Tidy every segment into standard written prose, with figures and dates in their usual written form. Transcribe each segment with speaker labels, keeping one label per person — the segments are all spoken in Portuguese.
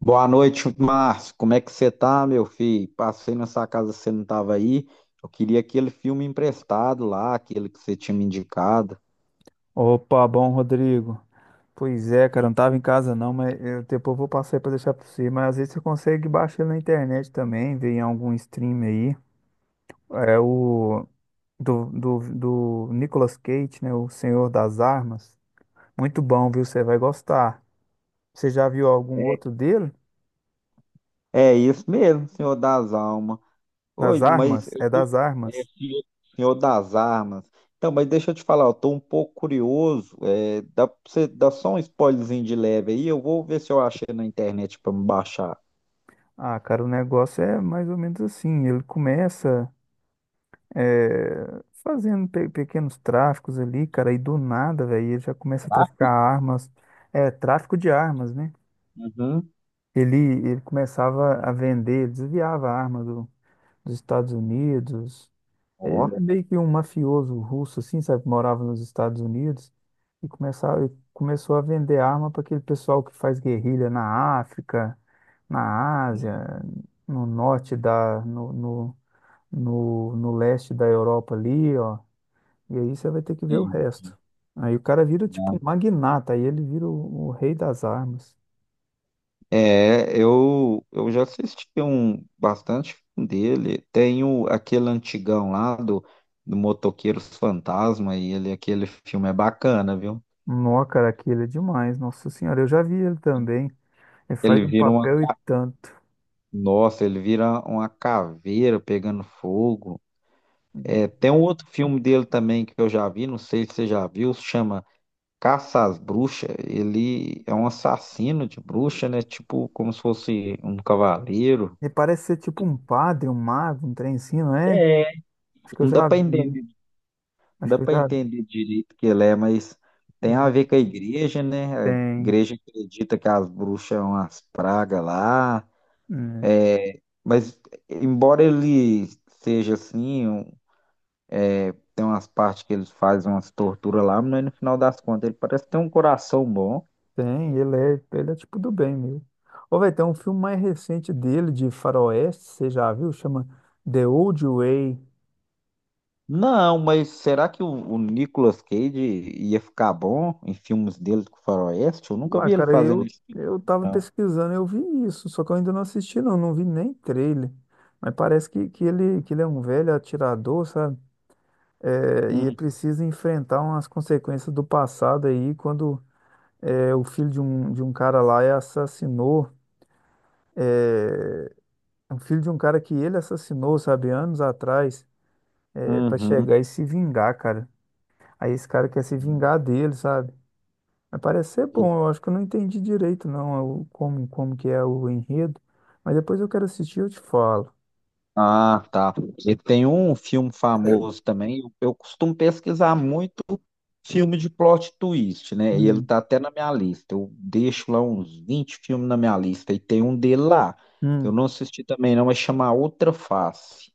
Speaker 1: Boa noite, Márcio. Como é que você tá, meu filho? Passei na sua casa, você não tava aí. Eu queria aquele filme emprestado lá, aquele que você tinha me indicado.
Speaker 2: Opa, bom, Rodrigo. Pois é, cara, eu não tava em casa não, mas eu depois vou passar aí pra deixar pra você. Mas às vezes você consegue baixar ele na internet também, ver em algum stream aí. É o do, do, do Nicolas Cage, né? O Senhor das Armas. Muito bom, viu? Você vai gostar. Você já viu algum outro dele?
Speaker 1: É isso mesmo, Senhor das Almas.
Speaker 2: Das
Speaker 1: Oi, mas
Speaker 2: armas? É das armas.
Speaker 1: Senhor das Armas. Então, mas deixa eu te falar, eu tô um pouco curioso. Pra você dá só um spoilerzinho de leve aí, eu vou ver se eu achei na internet pra me baixar.
Speaker 2: Ah, cara, o negócio é mais ou menos assim. Ele começa. Fazendo pequenos tráficos ali, cara, e do nada, velho, ele já começa a
Speaker 1: Tá?
Speaker 2: traficar armas, tráfico de armas, né?
Speaker 1: Uhum.
Speaker 2: Ele, ele começava a vender, desviava a arma dos Estados Unidos. Ele
Speaker 1: Ó.
Speaker 2: é meio que um mafioso russo, assim, sabe? Que morava nos Estados Unidos e começou a vender arma para aquele pessoal que faz guerrilha na África, na Ásia,
Speaker 1: Hum,
Speaker 2: no norte da, no, no, no, leste da Europa ali, ó. E aí você vai ter que ver o
Speaker 1: sim.
Speaker 2: resto. Aí o cara vira tipo um magnata, aí ele vira o rei das armas.
Speaker 1: É, eu já assisti um bastante filme dele. Tem o, aquele antigão lá do Motoqueiros Fantasma e ele, aquele filme é bacana, viu?
Speaker 2: Nó, cara, aquele é demais, nossa senhora. Eu já vi ele também. Ele faz
Speaker 1: Ele
Speaker 2: um
Speaker 1: vira uma,
Speaker 2: papel e tanto.
Speaker 1: nossa, ele vira uma caveira pegando fogo. É, tem um outro filme dele também que eu já vi, não sei se você já viu, se chama Caça às Bruxas. Ele é um assassino de bruxa, né? Tipo como se fosse um cavaleiro.
Speaker 2: Ele parece ser tipo um padre, um mago, um trem assim, não é?
Speaker 1: É,
Speaker 2: Acho que eu
Speaker 1: não dá
Speaker 2: já
Speaker 1: para
Speaker 2: vi.
Speaker 1: entender. Não
Speaker 2: Acho
Speaker 1: dá
Speaker 2: que eu
Speaker 1: para
Speaker 2: já
Speaker 1: entender direito o que ele é, mas tem a ver com a igreja, né? A
Speaker 2: tem.
Speaker 1: igreja acredita que as bruxas são as pragas lá,
Speaker 2: Hum,
Speaker 1: mas embora ele seja assim, tem umas partes que eles fazem umas torturas lá, mas no final das contas ele parece ter um coração bom.
Speaker 2: tem, ele é tipo do bem mesmo. Ou vai ter um filme mais recente dele, de faroeste, você já viu? Chama The Old Way.
Speaker 1: Não, mas será que o Nicolas Cage ia ficar bom em filmes dele com o Faroeste? Eu nunca
Speaker 2: Uai,
Speaker 1: vi ele
Speaker 2: cara,
Speaker 1: fazendo isso,
Speaker 2: eu tava
Speaker 1: não.
Speaker 2: pesquisando, eu vi isso, só que eu ainda não assisti, não, não vi nem trailer. Mas parece que ele é um velho atirador, sabe? É, e ele
Speaker 1: Hum,
Speaker 2: precisa enfrentar umas consequências do passado aí, quando o filho de um cara lá é assassinou, o filho de um cara que ele assassinou, sabe, anos atrás, para
Speaker 1: uhum.
Speaker 2: chegar e se vingar, cara. Aí esse cara quer se vingar dele, sabe? Mas parece ser bom, eu acho que eu não entendi direito, não, é como, como que é o enredo. Mas depois eu quero assistir e eu te falo.
Speaker 1: Ah, tá. E tem um filme famoso também. Eu costumo pesquisar muito filme de plot twist, né? E ele
Speaker 2: Hum,
Speaker 1: tá até na minha lista. Eu deixo lá uns 20 filmes na minha lista. E tem um dele lá. Eu
Speaker 2: Hum,
Speaker 1: não assisti também, não, mas chama Outra Face.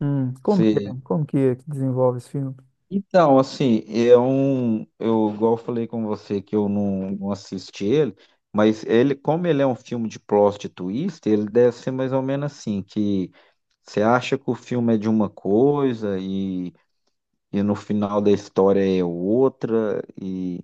Speaker 2: hum. Como que é? Como que é que desenvolve esse filme?
Speaker 1: Então, assim, é um, eu igual eu falei com você que eu não assisti ele, mas ele, como ele é um filme de plot twist, ele deve ser mais ou menos assim, que você acha que o filme é de uma coisa e no final da história é outra, e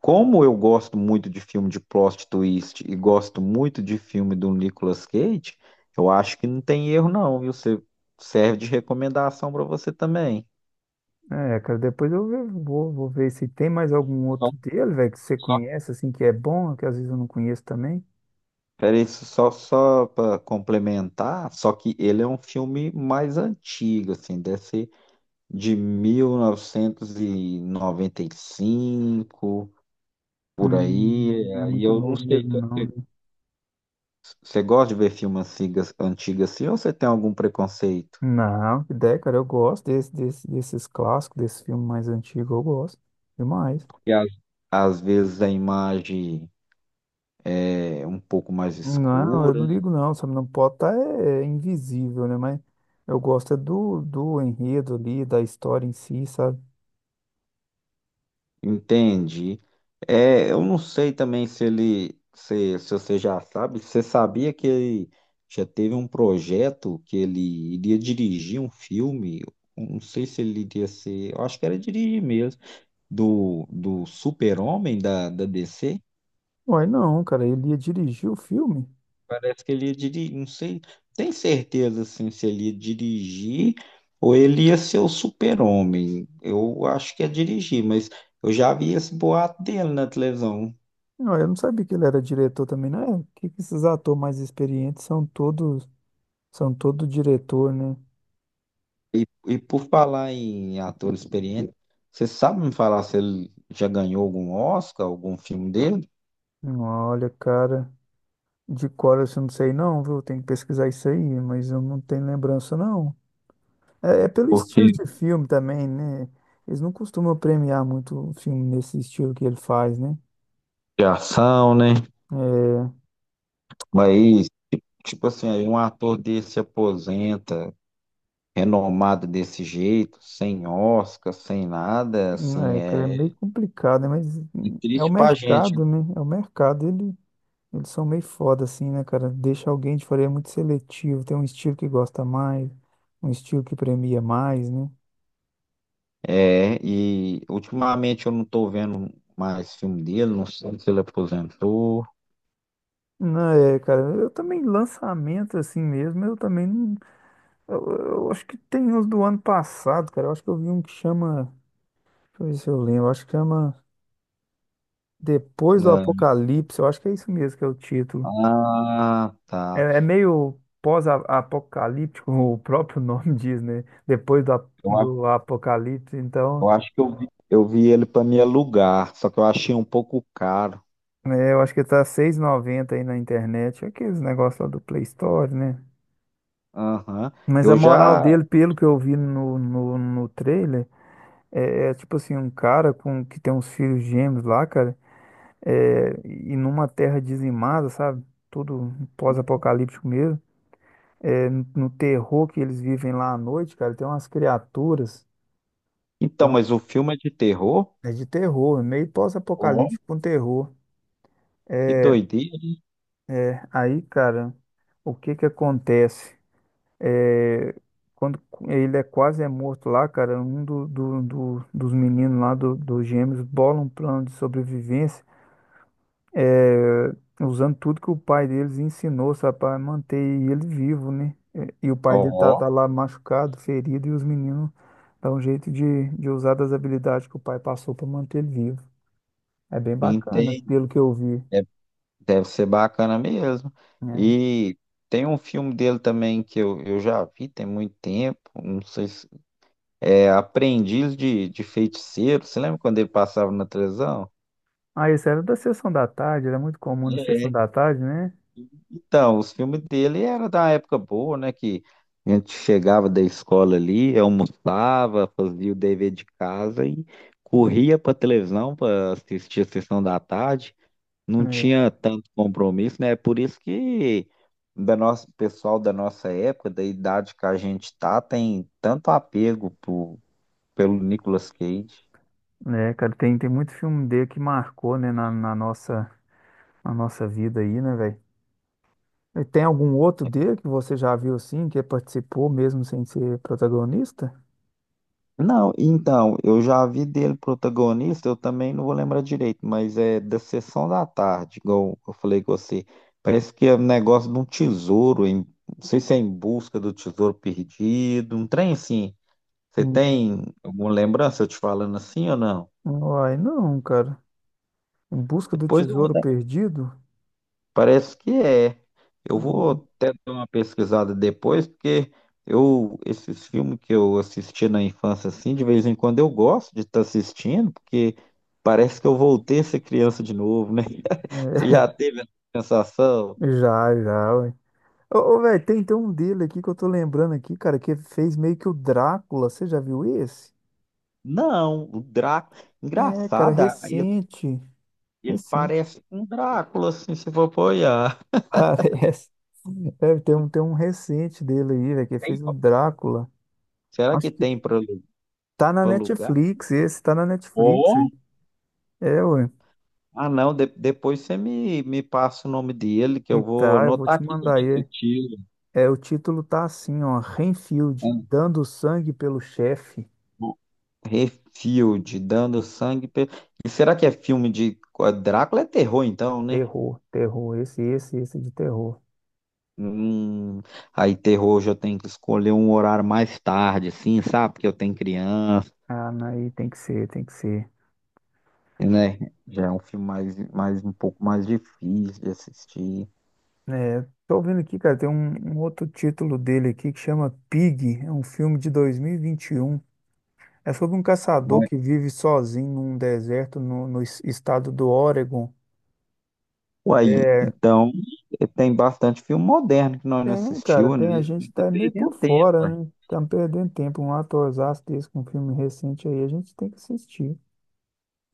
Speaker 1: como eu gosto muito de filme de plot twist e gosto muito de filme do Nicolas Cage, eu acho que não tem erro não, viu? Você serve de recomendação para você também.
Speaker 2: É, cara, depois eu vou, vou ver se tem mais algum outro dele, velho, que você conhece, assim, que é bom, que às vezes eu não conheço também.
Speaker 1: Peraí, só para complementar, só que ele é um filme mais antigo, assim, deve ser de 1995 por aí.
Speaker 2: Não é
Speaker 1: Aí
Speaker 2: muito
Speaker 1: eu não
Speaker 2: novo
Speaker 1: sei se
Speaker 2: mesmo, não,
Speaker 1: você,
Speaker 2: né?
Speaker 1: você gosta de ver filmes antigos, antigos assim ou você tem algum preconceito?
Speaker 2: Não, que ideia, cara, eu gosto desses clássicos, desse filme mais antigo, eu gosto demais.
Speaker 1: Porque às vezes a imagem é um pouco mais
Speaker 2: Não, eu
Speaker 1: escura.
Speaker 2: não ligo não, sabe? Não pode estar é, é invisível, né? Mas eu gosto é do enredo ali, da história em si, sabe?
Speaker 1: Entendi. É, eu não sei também se ele, se você já sabe, você sabia que ele já teve um projeto que ele iria dirigir um filme, eu não sei se ele iria ser, eu acho que era dirigir mesmo, do, Super-Homem da DC.
Speaker 2: Uai, não, cara, ele ia dirigir o filme?
Speaker 1: Parece que ele ia dirigir, não sei, tem certeza assim, se ele ia dirigir ou ele ia ser o Super-Homem, eu acho que é dirigir, mas eu já vi esse boato dele na televisão.
Speaker 2: Não, eu não sabia que ele era diretor também, né? Por que que esses atores mais experientes são todo diretor, né?
Speaker 1: E por falar em ator experiente, você sabe me falar se ele já ganhou algum Oscar, algum filme dele?
Speaker 2: Olha, cara, de cor assim, eu não sei não, viu? Tem que pesquisar isso aí, mas eu não tenho lembrança não. É, é pelo estilo
Speaker 1: Porque
Speaker 2: de filme também, né? Eles não costumam premiar muito o filme nesse estilo que ele faz, né?
Speaker 1: de ação, né?
Speaker 2: É,
Speaker 1: Mas, tipo assim, aí um ator desse se aposenta, renomado desse jeito, sem Oscar, sem nada, assim,
Speaker 2: é, cara, é
Speaker 1: é
Speaker 2: meio complicado, né? Mas é o
Speaker 1: triste pra gente.
Speaker 2: mercado, né? É o mercado, eles são meio foda, assim, né, cara? Deixa alguém de fora, é muito seletivo, tem um estilo que gosta mais, um estilo que premia mais, né?
Speaker 1: É, e ultimamente eu não tô vendo mais filme dele, não sei se ele aposentou.
Speaker 2: Não, é, cara, eu também, lançamento assim mesmo, eu também não. Eu acho que tem uns do ano passado, cara. Eu acho que eu vi um que chama. Deixa eu ver se eu lembro. Eu acho que chama Depois do
Speaker 1: Né?
Speaker 2: Apocalipse. Eu acho que é isso mesmo que é o título.
Speaker 1: Ah,
Speaker 2: É,
Speaker 1: tá.
Speaker 2: é meio pós-apocalíptico, o próprio nome diz, né? Depois do,
Speaker 1: Eu
Speaker 2: do apocalipse, então,
Speaker 1: Eu acho que eu vi ele para me alugar, só que eu achei um pouco caro.
Speaker 2: né, eu acho que tá seis e noventa aí na internet, aqueles negócios lá do Play Store, né?
Speaker 1: Aham.
Speaker 2: Mas a
Speaker 1: Eu
Speaker 2: moral
Speaker 1: já.
Speaker 2: dele, pelo que eu vi no trailer, é tipo assim, um cara com que tem uns filhos gêmeos lá, cara, e numa terra dizimada, sabe? Tudo pós-apocalíptico mesmo. É, no terror que eles vivem lá à noite, cara, tem umas criaturas.
Speaker 1: Então, mas o filme é de terror?
Speaker 2: É de terror, é meio
Speaker 1: Ó,
Speaker 2: pós-apocalíptico com terror.
Speaker 1: que doideira.
Speaker 2: Aí, cara, o que que acontece? É, quando ele é quase morto lá, cara, um dos meninos lá, dos gêmeos, bola um plano de sobrevivência, é, usando tudo que o pai deles ensinou, sabe, para manter ele vivo, né? É, e o pai dele
Speaker 1: Ó,
Speaker 2: tá lá machucado, ferido, e os meninos dão um jeito de usar das habilidades que o pai passou para manter ele vivo. É bem bacana,
Speaker 1: entendi.
Speaker 2: pelo que eu vi,
Speaker 1: Deve, deve ser bacana mesmo.
Speaker 2: né?
Speaker 1: E tem um filme dele também que eu já vi tem muito tempo. Não sei se. É Aprendiz de Feiticeiro. Você lembra quando ele passava na televisão?
Speaker 2: Ah, isso era da sessão da tarde, era muito comum na sessão
Speaker 1: É.
Speaker 2: da tarde, né?
Speaker 1: Então, os filmes dele era da época boa, né? Que a gente chegava da escola ali, almoçava, fazia o dever de casa e corria para televisão para assistir a sessão da tarde. Não
Speaker 2: É,
Speaker 1: tinha tanto compromisso, né? Por isso que da nossa, pessoal da nossa época, da idade que a gente tá, tem tanto apego pelo Nicolas Cage.
Speaker 2: né, cara, tem muito filme dele que marcou, né, na nossa vida aí, né, velho? E tem algum outro dele que você já viu assim, que participou mesmo sem ser protagonista?
Speaker 1: Não, então, eu já vi dele protagonista, eu também não vou lembrar direito, mas é da Sessão da Tarde, igual eu falei com você. Parece que é um negócio de um tesouro, não sei se é em busca do tesouro perdido, um trem assim. Você
Speaker 2: Hum.
Speaker 1: tem alguma lembrança eu te falando assim ou não?
Speaker 2: Uai, não, cara. Em Busca do
Speaker 1: Depois eu vou
Speaker 2: Tesouro
Speaker 1: dar.
Speaker 2: Perdido?
Speaker 1: Parece que é. Eu vou
Speaker 2: Ó,
Speaker 1: até dar uma pesquisada depois, porque eu esses filmes que eu assisti na infância assim, de vez em quando eu gosto de estar assistindo, porque parece que eu voltei a ser criança de novo, né? Você já
Speaker 2: é,
Speaker 1: teve essa sensação?
Speaker 2: já, já, ué. Ô velho, tem um dele aqui que eu tô lembrando aqui, cara, que fez meio que o Drácula. Você já viu esse?
Speaker 1: Não, o Drácula,
Speaker 2: É, cara,
Speaker 1: engraçado, aí ele,
Speaker 2: recente.
Speaker 1: ele
Speaker 2: Recente.
Speaker 1: parece um Drácula assim, se for apoiar.
Speaker 2: Parece. Deve ter um, tem um recente dele aí, velho, que ele fez o Drácula.
Speaker 1: Será que
Speaker 2: Acho que
Speaker 1: tem para
Speaker 2: tá na
Speaker 1: alugar?
Speaker 2: Netflix, esse tá na Netflix, velho. É, ué.
Speaker 1: Ah, não, depois você me passa o nome dele, que eu vou
Speaker 2: Tá, eu vou
Speaker 1: anotar
Speaker 2: te
Speaker 1: aqui para
Speaker 2: mandar
Speaker 1: esse
Speaker 2: aí.
Speaker 1: tiro.
Speaker 2: É, o título tá assim, ó, Renfield, dando sangue pelo chefe.
Speaker 1: Refield, dando sangue. E será que é filme de. Drácula é terror, então, né?
Speaker 2: Terror, terror, esse de terror.
Speaker 1: Hum, aí, terror, hoje eu tenho que escolher um horário mais tarde, assim, sabe? Porque eu tenho criança,
Speaker 2: Ah, não, aí tem que ser, tem que ser.
Speaker 1: né? Já é um filme mais um pouco mais difícil de assistir.
Speaker 2: É, tô ouvindo aqui, cara, tem um, um outro título dele aqui que chama Pig, é um filme de 2021. É sobre um caçador
Speaker 1: Mas,
Speaker 2: que vive sozinho num deserto no estado do Oregon.
Speaker 1: uai,
Speaker 2: É,
Speaker 1: então, tem bastante filme moderno que nós não
Speaker 2: tem, cara,
Speaker 1: assistiu, né?
Speaker 2: tem. A gente
Speaker 1: E tá
Speaker 2: tá meio por
Speaker 1: perdendo tempo.
Speaker 2: fora, né? Estamos perdendo tempo. Um atorzaço desse com um filme recente aí, a gente tem que assistir.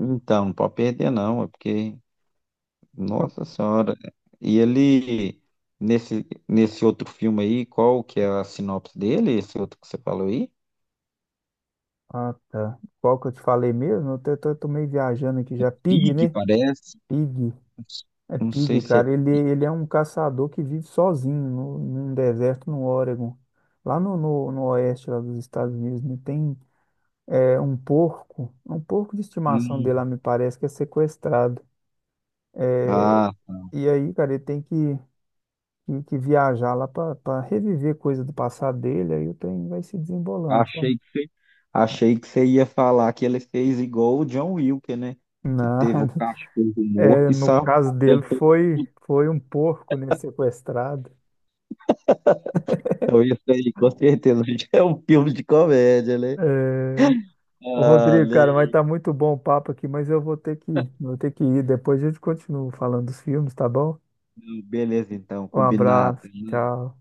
Speaker 1: Então, não pode perder não, é porque, nossa senhora. E ele, nesse outro filme aí, qual que é a sinopse dele, esse outro que você falou aí?
Speaker 2: Ah, tá. Qual que eu te falei mesmo? Eu tô, tô meio viajando aqui já. Pig,
Speaker 1: Pig,
Speaker 2: né?
Speaker 1: parece.
Speaker 2: Pig. É
Speaker 1: Não sei
Speaker 2: Pig,
Speaker 1: se é...
Speaker 2: cara. Ele é um caçador que vive sozinho num deserto no Oregon. Lá no oeste lá dos Estados Unidos, né? Tem é um porco, é um porco de estimação
Speaker 1: Hum,
Speaker 2: dele lá, me parece que é sequestrado.
Speaker 1: ah,
Speaker 2: E aí, cara, ele tem que viajar lá para reviver coisa do passado dele, aí o trem vai se desembolando, sabe?
Speaker 1: achei que você, achei que você ia falar que ele fez igual o John Wilker, né? Que
Speaker 2: Não,
Speaker 1: teve o cachorro morto
Speaker 2: é,
Speaker 1: e
Speaker 2: no
Speaker 1: salvou.
Speaker 2: caso dele foi um porco, né, sequestrado.
Speaker 1: Então, isso aí, com certeza, é um filme de comédia, né?
Speaker 2: É... Ô
Speaker 1: Ah,
Speaker 2: Rodrigo, cara, mas tá muito bom o papo aqui, mas eu vou ter vou ter que ir. Depois a gente continua falando dos filmes, tá bom?
Speaker 1: beleza, então,
Speaker 2: Um
Speaker 1: combinado.
Speaker 2: abraço, tchau.